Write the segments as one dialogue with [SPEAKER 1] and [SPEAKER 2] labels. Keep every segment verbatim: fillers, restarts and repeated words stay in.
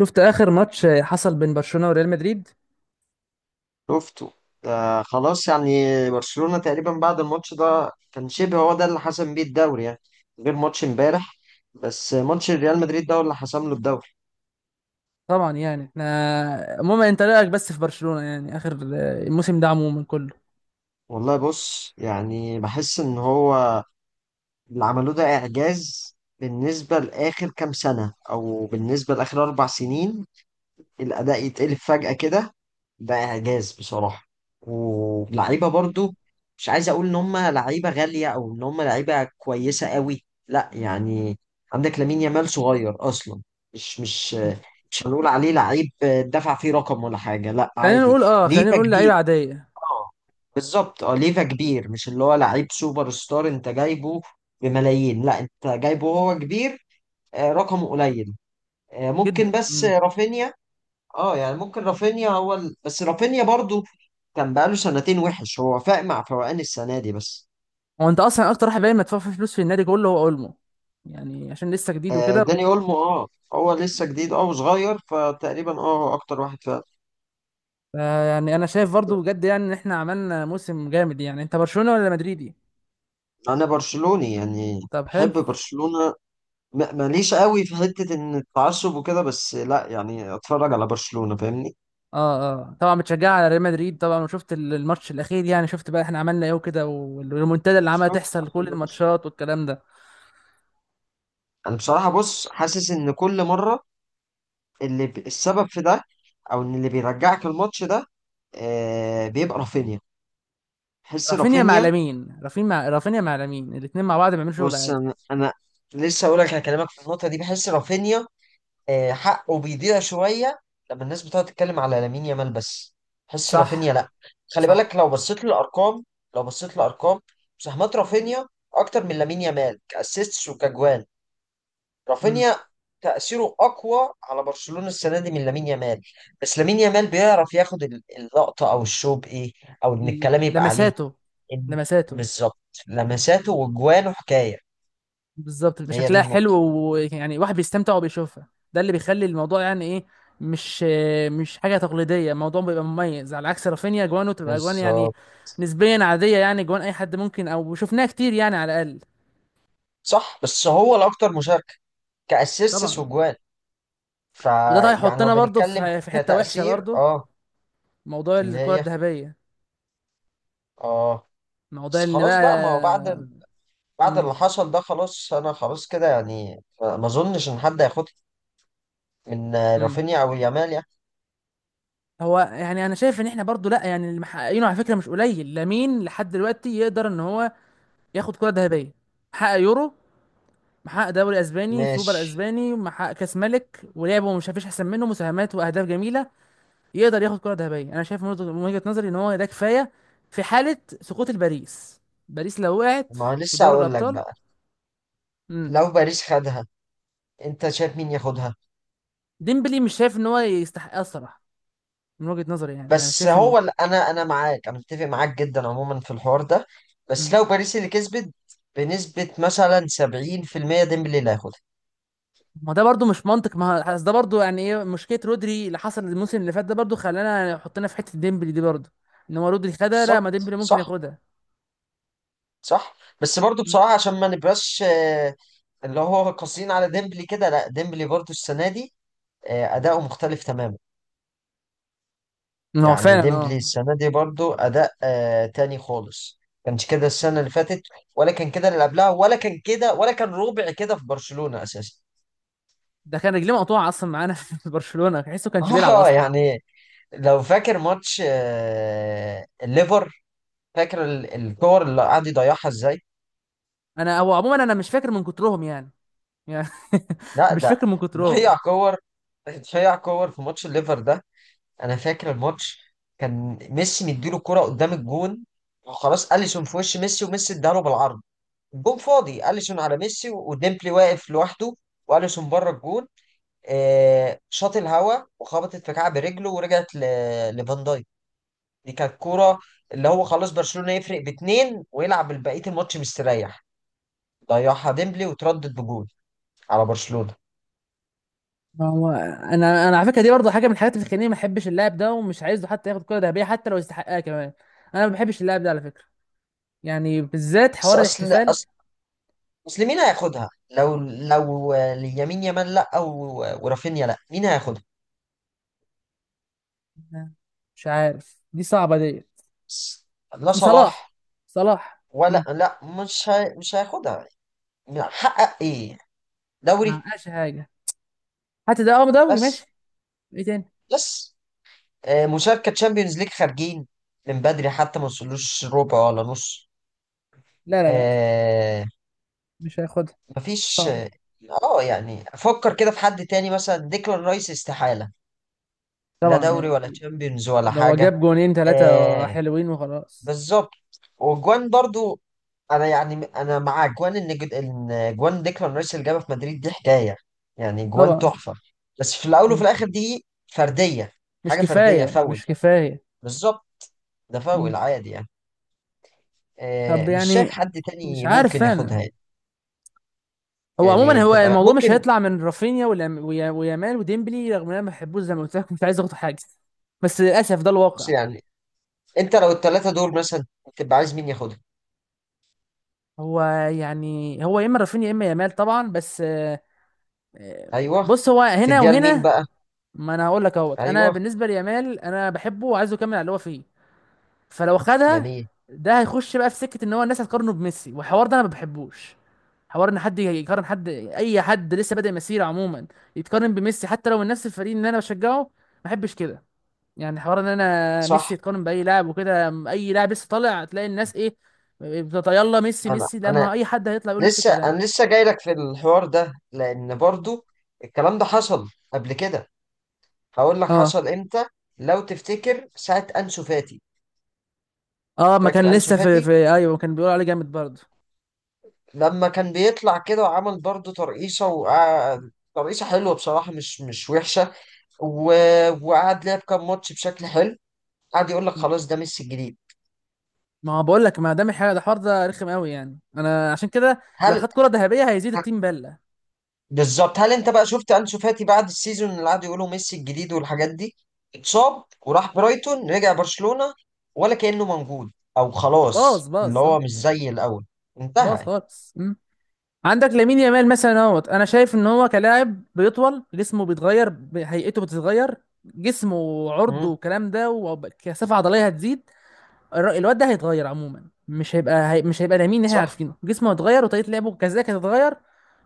[SPEAKER 1] شفت اخر ماتش حصل بين برشلونة وريال مدريد.
[SPEAKER 2] شفته. ده خلاص يعني، برشلونة تقريبا بعد الماتش ده كان شبه، هو ده اللي حسم بيه الدوري يعني، غير ماتش امبارح. بس ماتش ريال مدريد ده هو اللي حسم له الدوري.
[SPEAKER 1] طبعا، يعني احنا عموما، انت رايك بس في برشلونة يعني اخر الموسم ده عموما كله؟
[SPEAKER 2] والله بص يعني بحس ان هو اللي عملوه ده اعجاز بالنسبة لآخر كام سنة او بالنسبة لآخر اربع سنين. الاداء يتقلب فجأة كده، ده إعجاز بصراحة. ولعيبة برضو مش عايز أقول إن هم لعيبة غالية أو إن هم لعيبة كويسة قوي، لا يعني. عندك لامين يامال صغير أصلا، مش مش مش هنقول عليه لعيب دفع فيه رقم ولا حاجة، لا
[SPEAKER 1] خلينا
[SPEAKER 2] عادي.
[SPEAKER 1] نقول اه خلينا
[SPEAKER 2] ليفا
[SPEAKER 1] نقول لعيبة
[SPEAKER 2] كبير.
[SPEAKER 1] عادية
[SPEAKER 2] اه بالظبط، اه ليفا كبير، مش اللي هو لعيب سوبر ستار انت جايبه بملايين، لا انت جايبه وهو كبير. آه، رقمه قليل. آه، ممكن
[SPEAKER 1] جدا.
[SPEAKER 2] بس
[SPEAKER 1] مم.
[SPEAKER 2] رافينيا. اه يعني ممكن رافينيا هو ال... بس رافينيا برضو كان بقاله سنتين وحش، هو فاق مع فوقان السنة دي بس.
[SPEAKER 1] هو انت اصلا اكتر واحد باين مدفوع فيه فلوس في النادي كله هو اولمو، يعني عشان لسه جديد
[SPEAKER 2] آه
[SPEAKER 1] وكده.
[SPEAKER 2] داني اولمو، اه هو لسه جديد اه وصغير، فتقريبا اه هو اكتر واحد فاق.
[SPEAKER 1] ف- يعني انا شايف
[SPEAKER 2] بس
[SPEAKER 1] برضو بجد يعني ان احنا عملنا موسم جامد. يعني انت برشلونة ولا مدريدي؟
[SPEAKER 2] انا برشلوني يعني،
[SPEAKER 1] طب حلو.
[SPEAKER 2] بحب برشلونة. م- ماليش قوي في حتة ان التعصب وكده، بس لا يعني اتفرج على برشلونة فاهمني.
[SPEAKER 1] اه اه، طبعا بتشجع على ريال مدريد طبعا، وشفت ال- الماتش الاخير. يعني شفت بقى احنا عملنا ايه وكده، والريمونتادا اللي عملها
[SPEAKER 2] شفت
[SPEAKER 1] تحصل
[SPEAKER 2] اخر
[SPEAKER 1] كل
[SPEAKER 2] ماتش.
[SPEAKER 1] الماتشات والكلام ده.
[SPEAKER 2] انا بصراحة بص حاسس ان كل مرة اللي ب... السبب في ده، او ان اللي بيرجعك الماتش ده آه بيبقى رافينيا. بحس
[SPEAKER 1] رافينيا مع
[SPEAKER 2] رافينيا.
[SPEAKER 1] لامين، رافينيا مع رافينيا مع لامين، الاثنين مع بعض بيعملوا شغل
[SPEAKER 2] بص
[SPEAKER 1] عالي.
[SPEAKER 2] انا أنا لسه هقول لك، هكلمك في النقطه دي. بحس رافينيا آه، حقه بيضيع شويه لما الناس بتقعد تتكلم على لامين يامال بس. بحس رافينيا
[SPEAKER 1] صح.
[SPEAKER 2] لا. خلي بالك،
[SPEAKER 1] صح.
[SPEAKER 2] لو بصيت للارقام، لو بصيت للارقام مساهمات رافينيا اكتر من لامين يامال كاسيستس وكجوان.
[SPEAKER 1] مم.
[SPEAKER 2] رافينيا تاثيره اقوى على برشلونه السنه دي من لامين يامال. بس لامين يامال بيعرف ياخد ال- اللقطه او الشو بايه، او ان
[SPEAKER 1] ل-
[SPEAKER 2] الكلام يبقى عليه.
[SPEAKER 1] لمساته.
[SPEAKER 2] إن-
[SPEAKER 1] لمساته.
[SPEAKER 2] بالظبط، لمساته وجوانه حكايه.
[SPEAKER 1] بالظبط، بيبقى
[SPEAKER 2] هي دي
[SPEAKER 1] شكلها حلو
[SPEAKER 2] النقطة.
[SPEAKER 1] ويعني واحد بيستمتع وبيشوفها. ده اللي بيخلي الموضوع يعني ايه، مش مش حاجه تقليديه، الموضوع بيبقى مميز، على عكس رافينيا جوانه تبقى جوان يعني
[SPEAKER 2] بالظبط.
[SPEAKER 1] نسبيا عاديه. يعني جوان اي حد ممكن، او شفناها كتير يعني على الاقل.
[SPEAKER 2] صح، بس هو الأكتر مشاركة كأسيستس
[SPEAKER 1] طبعا.
[SPEAKER 2] وجوان.
[SPEAKER 1] وده طيب
[SPEAKER 2] فيعني لو
[SPEAKER 1] هيحطنا برضه
[SPEAKER 2] بنتكلم
[SPEAKER 1] في في حته وحشه
[SPEAKER 2] كتأثير،
[SPEAKER 1] برضه،
[SPEAKER 2] اه.
[SPEAKER 1] موضوع
[SPEAKER 2] اللي
[SPEAKER 1] الكره
[SPEAKER 2] هي
[SPEAKER 1] الذهبيه،
[SPEAKER 2] اه.
[SPEAKER 1] موضوع
[SPEAKER 2] بس
[SPEAKER 1] اللي
[SPEAKER 2] خلاص
[SPEAKER 1] بقى.
[SPEAKER 2] بقى، ما هو بعد ال... بعد
[SPEAKER 1] مم.
[SPEAKER 2] اللي حصل ده خلاص، أنا خلاص كده يعني، ما ما أظنش إن حد هياخدها من آه،
[SPEAKER 1] مم.
[SPEAKER 2] رافينيا أو يامال يعني.
[SPEAKER 1] هو يعني انا شايف ان احنا برضو، لا يعني اللي محققينه على فكره مش قليل. لامين لحد دلوقتي يقدر ان هو ياخد كره ذهبيه. محقق يورو، محقق دوري اسباني، سوبر
[SPEAKER 2] ماشي.
[SPEAKER 1] اسباني، محقق كاس ملك، ولعبه مش فيش احسن منه، مساهمات واهداف جميله. يقدر ياخد كره ذهبيه. انا شايف من وجهه من وجهة نظري ان هو ده كفايه، في حاله سقوط الباريس. باريس لو وقعت
[SPEAKER 2] ما هو
[SPEAKER 1] في
[SPEAKER 2] لسه
[SPEAKER 1] دوري
[SPEAKER 2] هقول لك
[SPEAKER 1] الابطال.
[SPEAKER 2] بقى،
[SPEAKER 1] امم
[SPEAKER 2] لو باريس خدها أنت شايف مين ياخدها؟
[SPEAKER 1] ديمبلي مش شايف ان هو يستحق، أه الصراحه. من وجهه نظري يعني، انا مش
[SPEAKER 2] بس
[SPEAKER 1] شايف ان.
[SPEAKER 2] هو ال- انا انا معاك، انا متفق معاك جدا عموما في الحوار ده. بس
[SPEAKER 1] مم.
[SPEAKER 2] لو باريس اللي كسبت بنسبة مثلا سبعين في المية ديمبلي اللي هياخدها.
[SPEAKER 1] ما ده برضو مش منطق. ما هو- أصل ده برضو يعني ايه، مشكله رودري اللي حصل الموسم اللي فات ده برضو خلانا حطينا في حته ديمبلي دي برضو، ان هو رودري خدها. لا، ما
[SPEAKER 2] بالظبط.
[SPEAKER 1] ديمبلي ممكن
[SPEAKER 2] صح.
[SPEAKER 1] ياخدها.
[SPEAKER 2] صح بس برضو بصراحة عشان ما نبقاش آه، اللي هو قاسيين على ديمبلي كده، لا ديمبلي برضو السنة دي آه، أداؤه مختلف تماما.
[SPEAKER 1] ما هو
[SPEAKER 2] يعني
[SPEAKER 1] فعلا
[SPEAKER 2] ديمبلي
[SPEAKER 1] اه.
[SPEAKER 2] السنة دي برضو أداء آه، تاني خالص. كانش كده السنة اللي فاتت، ولا كان كده اللي قبلها، ولا كان كده، ولا كان ربع كده في برشلونة أساسا.
[SPEAKER 1] ده كان رجليه مقطوعه اصلا معانا في برشلونه، تحسه كانش بيلعب
[SPEAKER 2] اه
[SPEAKER 1] اصلا.
[SPEAKER 2] يعني، لو فاكر ماتش آه، الليفر، فاكر ال- الكور اللي قعد يضيعها ازاي.
[SPEAKER 1] انا هو عموما انا مش فاكر من كترهم يعني. يعني
[SPEAKER 2] لا
[SPEAKER 1] مش
[SPEAKER 2] ده
[SPEAKER 1] فاكر من كترهم.
[SPEAKER 2] ضيع كور، ضيع كور في ماتش الليفر ده. انا فاكر الماتش كان ميسي مديله كرة قدام الجون، وخلاص اليسون في وش ميسي، وميسي اداله بالعرض، الجون فاضي، اليسون على ميسي وديمبلي واقف لوحده، واليسون بره الجون، آه، شاط الهوا وخبطت في كعب رجله ورجعت ل- لفان دايك. دي كانت كورة اللي هو خلاص برشلونة يفرق باتنين ويلعب بقية الماتش مستريح، ضيعها ديمبلي وتردد بجول على برشلونة.
[SPEAKER 1] ما هو انا، انا على فكره دي برضه حاجه من الحاجات اللي بتخليني ما احبش اللاعب ده، ومش عايزه حتى ياخد كره ذهبيه حتى لو يستحقها كمان. انا ما بحبش اللاعب ده على فكره. يعني بالذات
[SPEAKER 2] بس
[SPEAKER 1] حوار
[SPEAKER 2] أصل
[SPEAKER 1] الاحتفال.
[SPEAKER 2] أصل أصل مين هياخدها؟ لو لو اليمين يامال لأ، و- ورافينيا لأ، مين هياخدها؟
[SPEAKER 1] مش عارف، دي صعبة ديت.
[SPEAKER 2] بس لا
[SPEAKER 1] صلاح.
[SPEAKER 2] صلاح.
[SPEAKER 1] صلاح.
[SPEAKER 2] ولا
[SPEAKER 1] امم.
[SPEAKER 2] لأ مش هي... مش هياخدها. حقق إيه؟
[SPEAKER 1] ما
[SPEAKER 2] دوري.
[SPEAKER 1] معقاش حاجة. حتى ده اه دوري
[SPEAKER 2] بس
[SPEAKER 1] ماشي. ايه تاني؟
[SPEAKER 2] بس آه، مشاركة تشامبيونز ليج خارجين من بدري حتى، ما وصلوش ربع ولا نص.
[SPEAKER 1] لا لا لا،
[SPEAKER 2] آه،
[SPEAKER 1] مش هياخدها.
[SPEAKER 2] مفيش.
[SPEAKER 1] صعب.
[SPEAKER 2] اه يعني افكر كده في حد تاني مثلا ديكلان رايس، استحالة. لا
[SPEAKER 1] طبعا،
[SPEAKER 2] دوري
[SPEAKER 1] يعني
[SPEAKER 2] ولا
[SPEAKER 1] اكيد.
[SPEAKER 2] تشامبيونز ولا
[SPEAKER 1] ده هو
[SPEAKER 2] حاجة.
[SPEAKER 1] جاب جونين ثلاثة
[SPEAKER 2] آه
[SPEAKER 1] حلوين وخلاص.
[SPEAKER 2] بالظبط. وجوان برضو، انا يعني انا مع جوان، ان جد- ان جوان ديكلان رايس اللي جابها في مدريد دي حكاية. يعني جوان
[SPEAKER 1] طبعا.
[SPEAKER 2] تحفة. بس في الاول وفي
[SPEAKER 1] مم.
[SPEAKER 2] الاخر دي فردية.
[SPEAKER 1] مش
[SPEAKER 2] حاجة فردية،
[SPEAKER 1] كفاية،
[SPEAKER 2] فاول.
[SPEAKER 1] مش كفاية.
[SPEAKER 2] بالظبط. ده
[SPEAKER 1] مم.
[SPEAKER 2] فاول عادي يعني.
[SPEAKER 1] طب
[SPEAKER 2] آه، مش شايف
[SPEAKER 1] يعني،
[SPEAKER 2] حد
[SPEAKER 1] مش
[SPEAKER 2] تاني
[SPEAKER 1] عارف
[SPEAKER 2] ممكن ياخدها
[SPEAKER 1] انا.
[SPEAKER 2] يعني.
[SPEAKER 1] هو
[SPEAKER 2] يعني
[SPEAKER 1] عموما هو
[SPEAKER 2] تبقى
[SPEAKER 1] الموضوع مش
[SPEAKER 2] ممكن.
[SPEAKER 1] هيطلع من رافينيا والأم- ويا- ويامال وديمبلي، رغم ان انا ما بحبوش زي ما قلت لك، مش عايز اخد حاجة، بس للاسف ده
[SPEAKER 2] بس
[SPEAKER 1] الواقع.
[SPEAKER 2] يعني انت لو الثلاثة دول مثلا تبقى عايز مين ياخدها.
[SPEAKER 1] هو يعني هو يا اما رافينيا يا اما يامال طبعا، بس آه، آه،
[SPEAKER 2] ايوه.
[SPEAKER 1] بص هو هنا
[SPEAKER 2] تديها لمين
[SPEAKER 1] وهنا.
[SPEAKER 2] بقى؟
[SPEAKER 1] ما انا هقول لك اهوت، انا
[SPEAKER 2] ايوه.
[SPEAKER 1] بالنسبه ليامال انا بحبه وعايزه يكمل على اللي هو فيه. فلو خدها،
[SPEAKER 2] جميل.
[SPEAKER 1] ده هيخش بقى في سكه ان هو الناس هتقارنه بميسي، والحوار ده انا ما بحبوش. حوار ان حد يقارن حد، اي حد لسه بادئ مسيره عموما، يتقارن بميسي حتى لو من نفس الفريق اللي انا بشجعه، ما بحبش كده. يعني حوار ان انا
[SPEAKER 2] صح.
[SPEAKER 1] ميسي يتقارن باي لاعب وكده، اي لاعب لسه طالع تلاقي الناس ايه بتطيلا ميسي،
[SPEAKER 2] انا
[SPEAKER 1] ميسي لما
[SPEAKER 2] انا
[SPEAKER 1] اي حد هيطلع يقول نفس
[SPEAKER 2] لسه، انا
[SPEAKER 1] الكلام.
[SPEAKER 2] لسه جاي لك في الحوار ده لان
[SPEAKER 1] مم.
[SPEAKER 2] برضو الكلام ده حصل قبل كده. هقول لك
[SPEAKER 1] اه
[SPEAKER 2] حصل امتى. لو تفتكر ساعه انسو فاتي،
[SPEAKER 1] اه، ما
[SPEAKER 2] فاكر
[SPEAKER 1] كان
[SPEAKER 2] انسو
[SPEAKER 1] لسه في, في
[SPEAKER 2] فاتي
[SPEAKER 1] ايوه، ما كان بيقول عليه جامد برضه.
[SPEAKER 2] لما كان بيطلع كده وعمل برضو ترقيصه، وقعد ترقيصه حلوه بصراحه، مش مش وحشه، و... وقعد لعب كام ماتش بشكل حلو، قعد يقول لك
[SPEAKER 1] مم.
[SPEAKER 2] خلاص ده ميسي الجديد.
[SPEAKER 1] ما هو بقول لك، ما دام الحاجه ده، الحوار ده رخم قوي يعني، انا عشان كده لو
[SPEAKER 2] هل
[SPEAKER 1] خد كره ذهبيه هيزيد التيم بله.
[SPEAKER 2] بالظبط، هل انت بقى شفت انسو فاتي بعد السيزون اللي قعدوا يقولوا ميسي الجديد والحاجات دي؟ اتصاب وراح برايتون، رجع برشلونة ولا كأنه موجود. او خلاص
[SPEAKER 1] باظ
[SPEAKER 2] اللي
[SPEAKER 1] باظ اه.
[SPEAKER 2] هو مش زي الاول.
[SPEAKER 1] باظ
[SPEAKER 2] انتهى.
[SPEAKER 1] خالص. مم. عندك لامين يامال مثلا اهوت، انا شايف ان هو كلاعب بيطول، جسمه بيتغير، ب- هيئته بتتغير، جسمه وعرضه
[SPEAKER 2] مم،
[SPEAKER 1] والكلام ده، وكثافه عضليه هتزيد. الر- الواد ده هيتغير عموما. مش هيبقى هي... مش هيبقى ده مين اللي احنا
[SPEAKER 2] صح.
[SPEAKER 1] عارفينه، جسمه هيتغير وطريقه لعبه كذلك هتتغير.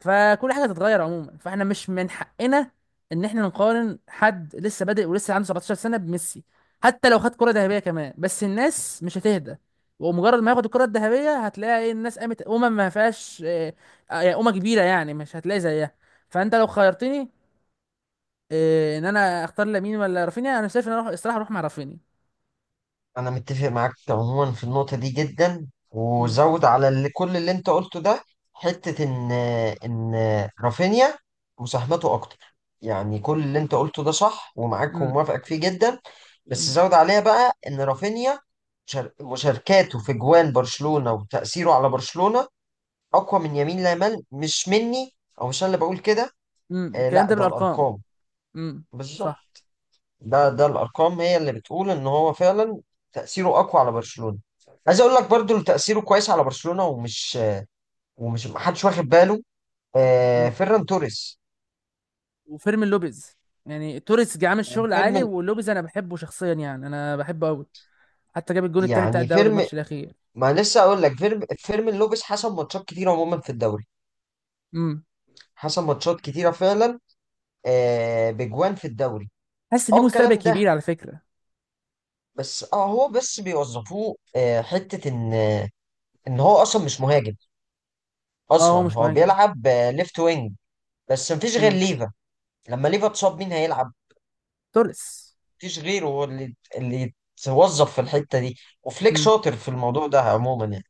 [SPEAKER 1] فكل حاجه هتتغير عموما، فاحنا مش من حقنا ان احنا نقارن حد لسه بادئ ولسه عنده سبعتاشر سنه بميسي. حتى لو خد كره ذهبيه كمان، بس الناس مش هتهدى. ومجرد ما ياخد الكره الذهبيه هتلاقي ايه الناس قامت، امم ما فيهاش آه، آه، امه كبيره يعني، مش هتلاقي زيها. فانت لو خيرتني، آه، ان انا اختار لامين ولا رافينيا، انا شايف ان انا اروح الصراحه، اروح مع رافينيا.
[SPEAKER 2] انا متفق معاك عموما في النقطه دي جدا،
[SPEAKER 1] امم.
[SPEAKER 2] وزود على اللي، كل اللي انت قلته ده، حته ان ان رافينيا مساهمته اكتر. يعني كل اللي انت قلته ده صح، ومعاك وموافقك فيه جدا. بس
[SPEAKER 1] امم.
[SPEAKER 2] زود عليها بقى ان رافينيا شر- مشاركاته في جوان برشلونه وتاثيره على برشلونه اقوى من يمين لامال. مش مني او مش انا اللي بقول كده.
[SPEAKER 1] امم،
[SPEAKER 2] آه
[SPEAKER 1] الكلام
[SPEAKER 2] لا،
[SPEAKER 1] ده
[SPEAKER 2] ده
[SPEAKER 1] بالارقام.
[SPEAKER 2] الارقام.
[SPEAKER 1] امم. صح.
[SPEAKER 2] بالظبط. ده
[SPEAKER 1] صح.
[SPEAKER 2] ده الارقام هي اللي بتقول ان هو فعلا تاثيره اقوى على برشلونه. عايز اقول لك برضو اللي تاثيره كويس على برشلونه ومش ومش محدش واخد باله، آه
[SPEAKER 1] امم.
[SPEAKER 2] فيران توريس
[SPEAKER 1] وفيرمين لوبيز. يعني توريس جه عامل شغل عالي،
[SPEAKER 2] وفيرمين.
[SPEAKER 1] ولوبيز انا بحبه شخصيا، يعني انا بحبه قوي. حتى جاب الجون التاني بتاع
[SPEAKER 2] يعني
[SPEAKER 1] الدوري
[SPEAKER 2] فيرم
[SPEAKER 1] الماتش الاخير.
[SPEAKER 2] ما لسه اقول لك، فيرم فيرمين لوبيس حسم ماتشات كتيره عموما في الدوري.
[SPEAKER 1] امم.
[SPEAKER 2] حسم ماتشات كتيره فعلا، آه بجوان في الدوري.
[SPEAKER 1] حاسس ليه
[SPEAKER 2] اه
[SPEAKER 1] مستقبل
[SPEAKER 2] الكلام ده.
[SPEAKER 1] كبير على فكره.
[SPEAKER 2] بس اه هو بس بيوظفوه آه، حته ان ان هو اصلا مش مهاجم،
[SPEAKER 1] اه
[SPEAKER 2] اصلا
[SPEAKER 1] هو مش
[SPEAKER 2] هو
[SPEAKER 1] مهاجم.
[SPEAKER 2] بيلعب آه ليفت وينج. بس مفيش غير
[SPEAKER 1] امم.
[SPEAKER 2] ليفا. لما ليفا اتصاب مين هيلعب؟
[SPEAKER 1] توريس.
[SPEAKER 2] مفيش غيره هو اللي اللي يتوظف في الحته دي. وفليك
[SPEAKER 1] امم.
[SPEAKER 2] شاطر في الموضوع ده عموما يعني.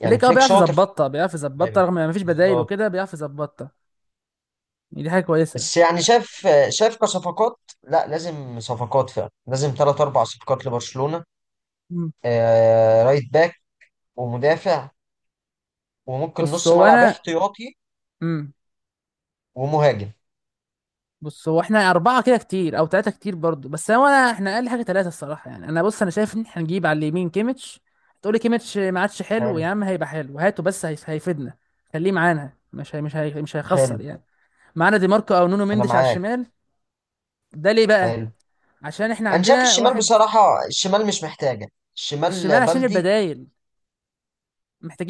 [SPEAKER 2] يعني
[SPEAKER 1] بليك اه
[SPEAKER 2] فليك
[SPEAKER 1] بيعرف
[SPEAKER 2] شاطر في
[SPEAKER 1] يظبطها، بيعرف
[SPEAKER 2] الموضوع
[SPEAKER 1] يظبطها
[SPEAKER 2] ده.
[SPEAKER 1] رغم ما فيش بدايل
[SPEAKER 2] بالظبط.
[SPEAKER 1] وكده، بيعرف يظبطها. يعني دي حاجه كويسه.
[SPEAKER 2] بس يعني شاف شاف كصفقات، لا لازم صفقات، فعلا لازم ثلاث اربع صفقات لبرشلونه.
[SPEAKER 1] امم.
[SPEAKER 2] آه رايت باك، ومدافع، وممكن
[SPEAKER 1] بص
[SPEAKER 2] نص
[SPEAKER 1] هو
[SPEAKER 2] ملعب
[SPEAKER 1] انا.
[SPEAKER 2] احتياطي،
[SPEAKER 1] امم.
[SPEAKER 2] ومهاجم.
[SPEAKER 1] بص هو احنا اربعه كده كتير، او ثلاثه كتير برضو، بس هو انا احنا اقل حاجه ثلاثه الصراحه يعني. انا بص، انا شايف ان احنا نجيب على اليمين كيميتش. تقولي كيميتش ما عادش حلو
[SPEAKER 2] حلو.
[SPEAKER 1] يا عم، هيبقى حلو هاته، بس هي- هيفيدنا. خليه معانا، مش هي مش هي مش هيخسر
[SPEAKER 2] حلو.
[SPEAKER 1] يعني معانا. دي ماركو او نونو
[SPEAKER 2] انا
[SPEAKER 1] مندش على
[SPEAKER 2] معاك.
[SPEAKER 1] الشمال. ده ليه بقى؟
[SPEAKER 2] حلو.
[SPEAKER 1] عشان احنا
[SPEAKER 2] انا شايف
[SPEAKER 1] عندنا
[SPEAKER 2] الشمال
[SPEAKER 1] واحد.
[SPEAKER 2] بصراحه، الشمال مش محتاجه،
[SPEAKER 1] الشمال
[SPEAKER 2] الشمال
[SPEAKER 1] عشان
[SPEAKER 2] بلدي.
[SPEAKER 1] البدايل،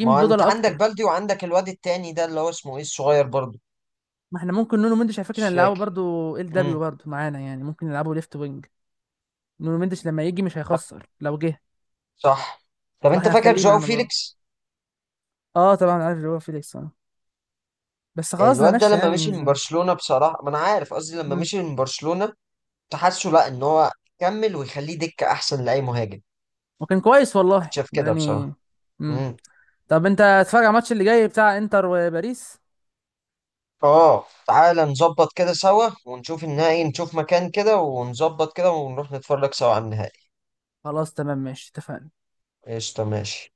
[SPEAKER 2] ما هو انت
[SPEAKER 1] بدلة
[SPEAKER 2] عندك
[SPEAKER 1] اكتر.
[SPEAKER 2] بلدي، وعندك الواد التاني ده اللي هو اسمه ايه الصغير برضه.
[SPEAKER 1] ما احنا ممكن نونو مندش على فكره
[SPEAKER 2] مش
[SPEAKER 1] نلعبه
[SPEAKER 2] فاكر.
[SPEAKER 1] برضو ال دبليو
[SPEAKER 2] امم.
[SPEAKER 1] برضو معانا، يعني ممكن نلعبه ليفت وينج. نونو مندش لما يجي مش هيخسر لو جه،
[SPEAKER 2] صح. طب انت
[SPEAKER 1] فاحنا
[SPEAKER 2] فاكر
[SPEAKER 1] هنخليه
[SPEAKER 2] جواو
[SPEAKER 1] معانا برضو.
[SPEAKER 2] فيليكس؟
[SPEAKER 1] اه طبعا عارف اللي هو فيليكس اه، بس خلاص ده
[SPEAKER 2] الواد ده
[SPEAKER 1] مشى يعني
[SPEAKER 2] لما مشي
[SPEAKER 1] من
[SPEAKER 2] من
[SPEAKER 1] زمان.
[SPEAKER 2] برشلونة بصراحة، ما انا عارف قصدي لما
[SPEAKER 1] مم.
[SPEAKER 2] مشي من برشلونة، كنت حاسه لا ان هو كمل ويخليه دكة احسن لاي مهاجم.
[SPEAKER 1] وكان كويس والله
[SPEAKER 2] كنت شايف كده
[SPEAKER 1] يعني.
[SPEAKER 2] بصراحة.
[SPEAKER 1] مم.
[SPEAKER 2] امم.
[SPEAKER 1] طب انت هتتفرج على الماتش اللي جاي بتاع انتر وباريس؟
[SPEAKER 2] اه تعالى نظبط كده سوا، ونشوف النهائي، نشوف مكان كده ونظبط كده، ونروح نتفرج سوا على النهائي.
[SPEAKER 1] خلاص تمام ماشي، اتفقنا.
[SPEAKER 2] قشطة ماشي.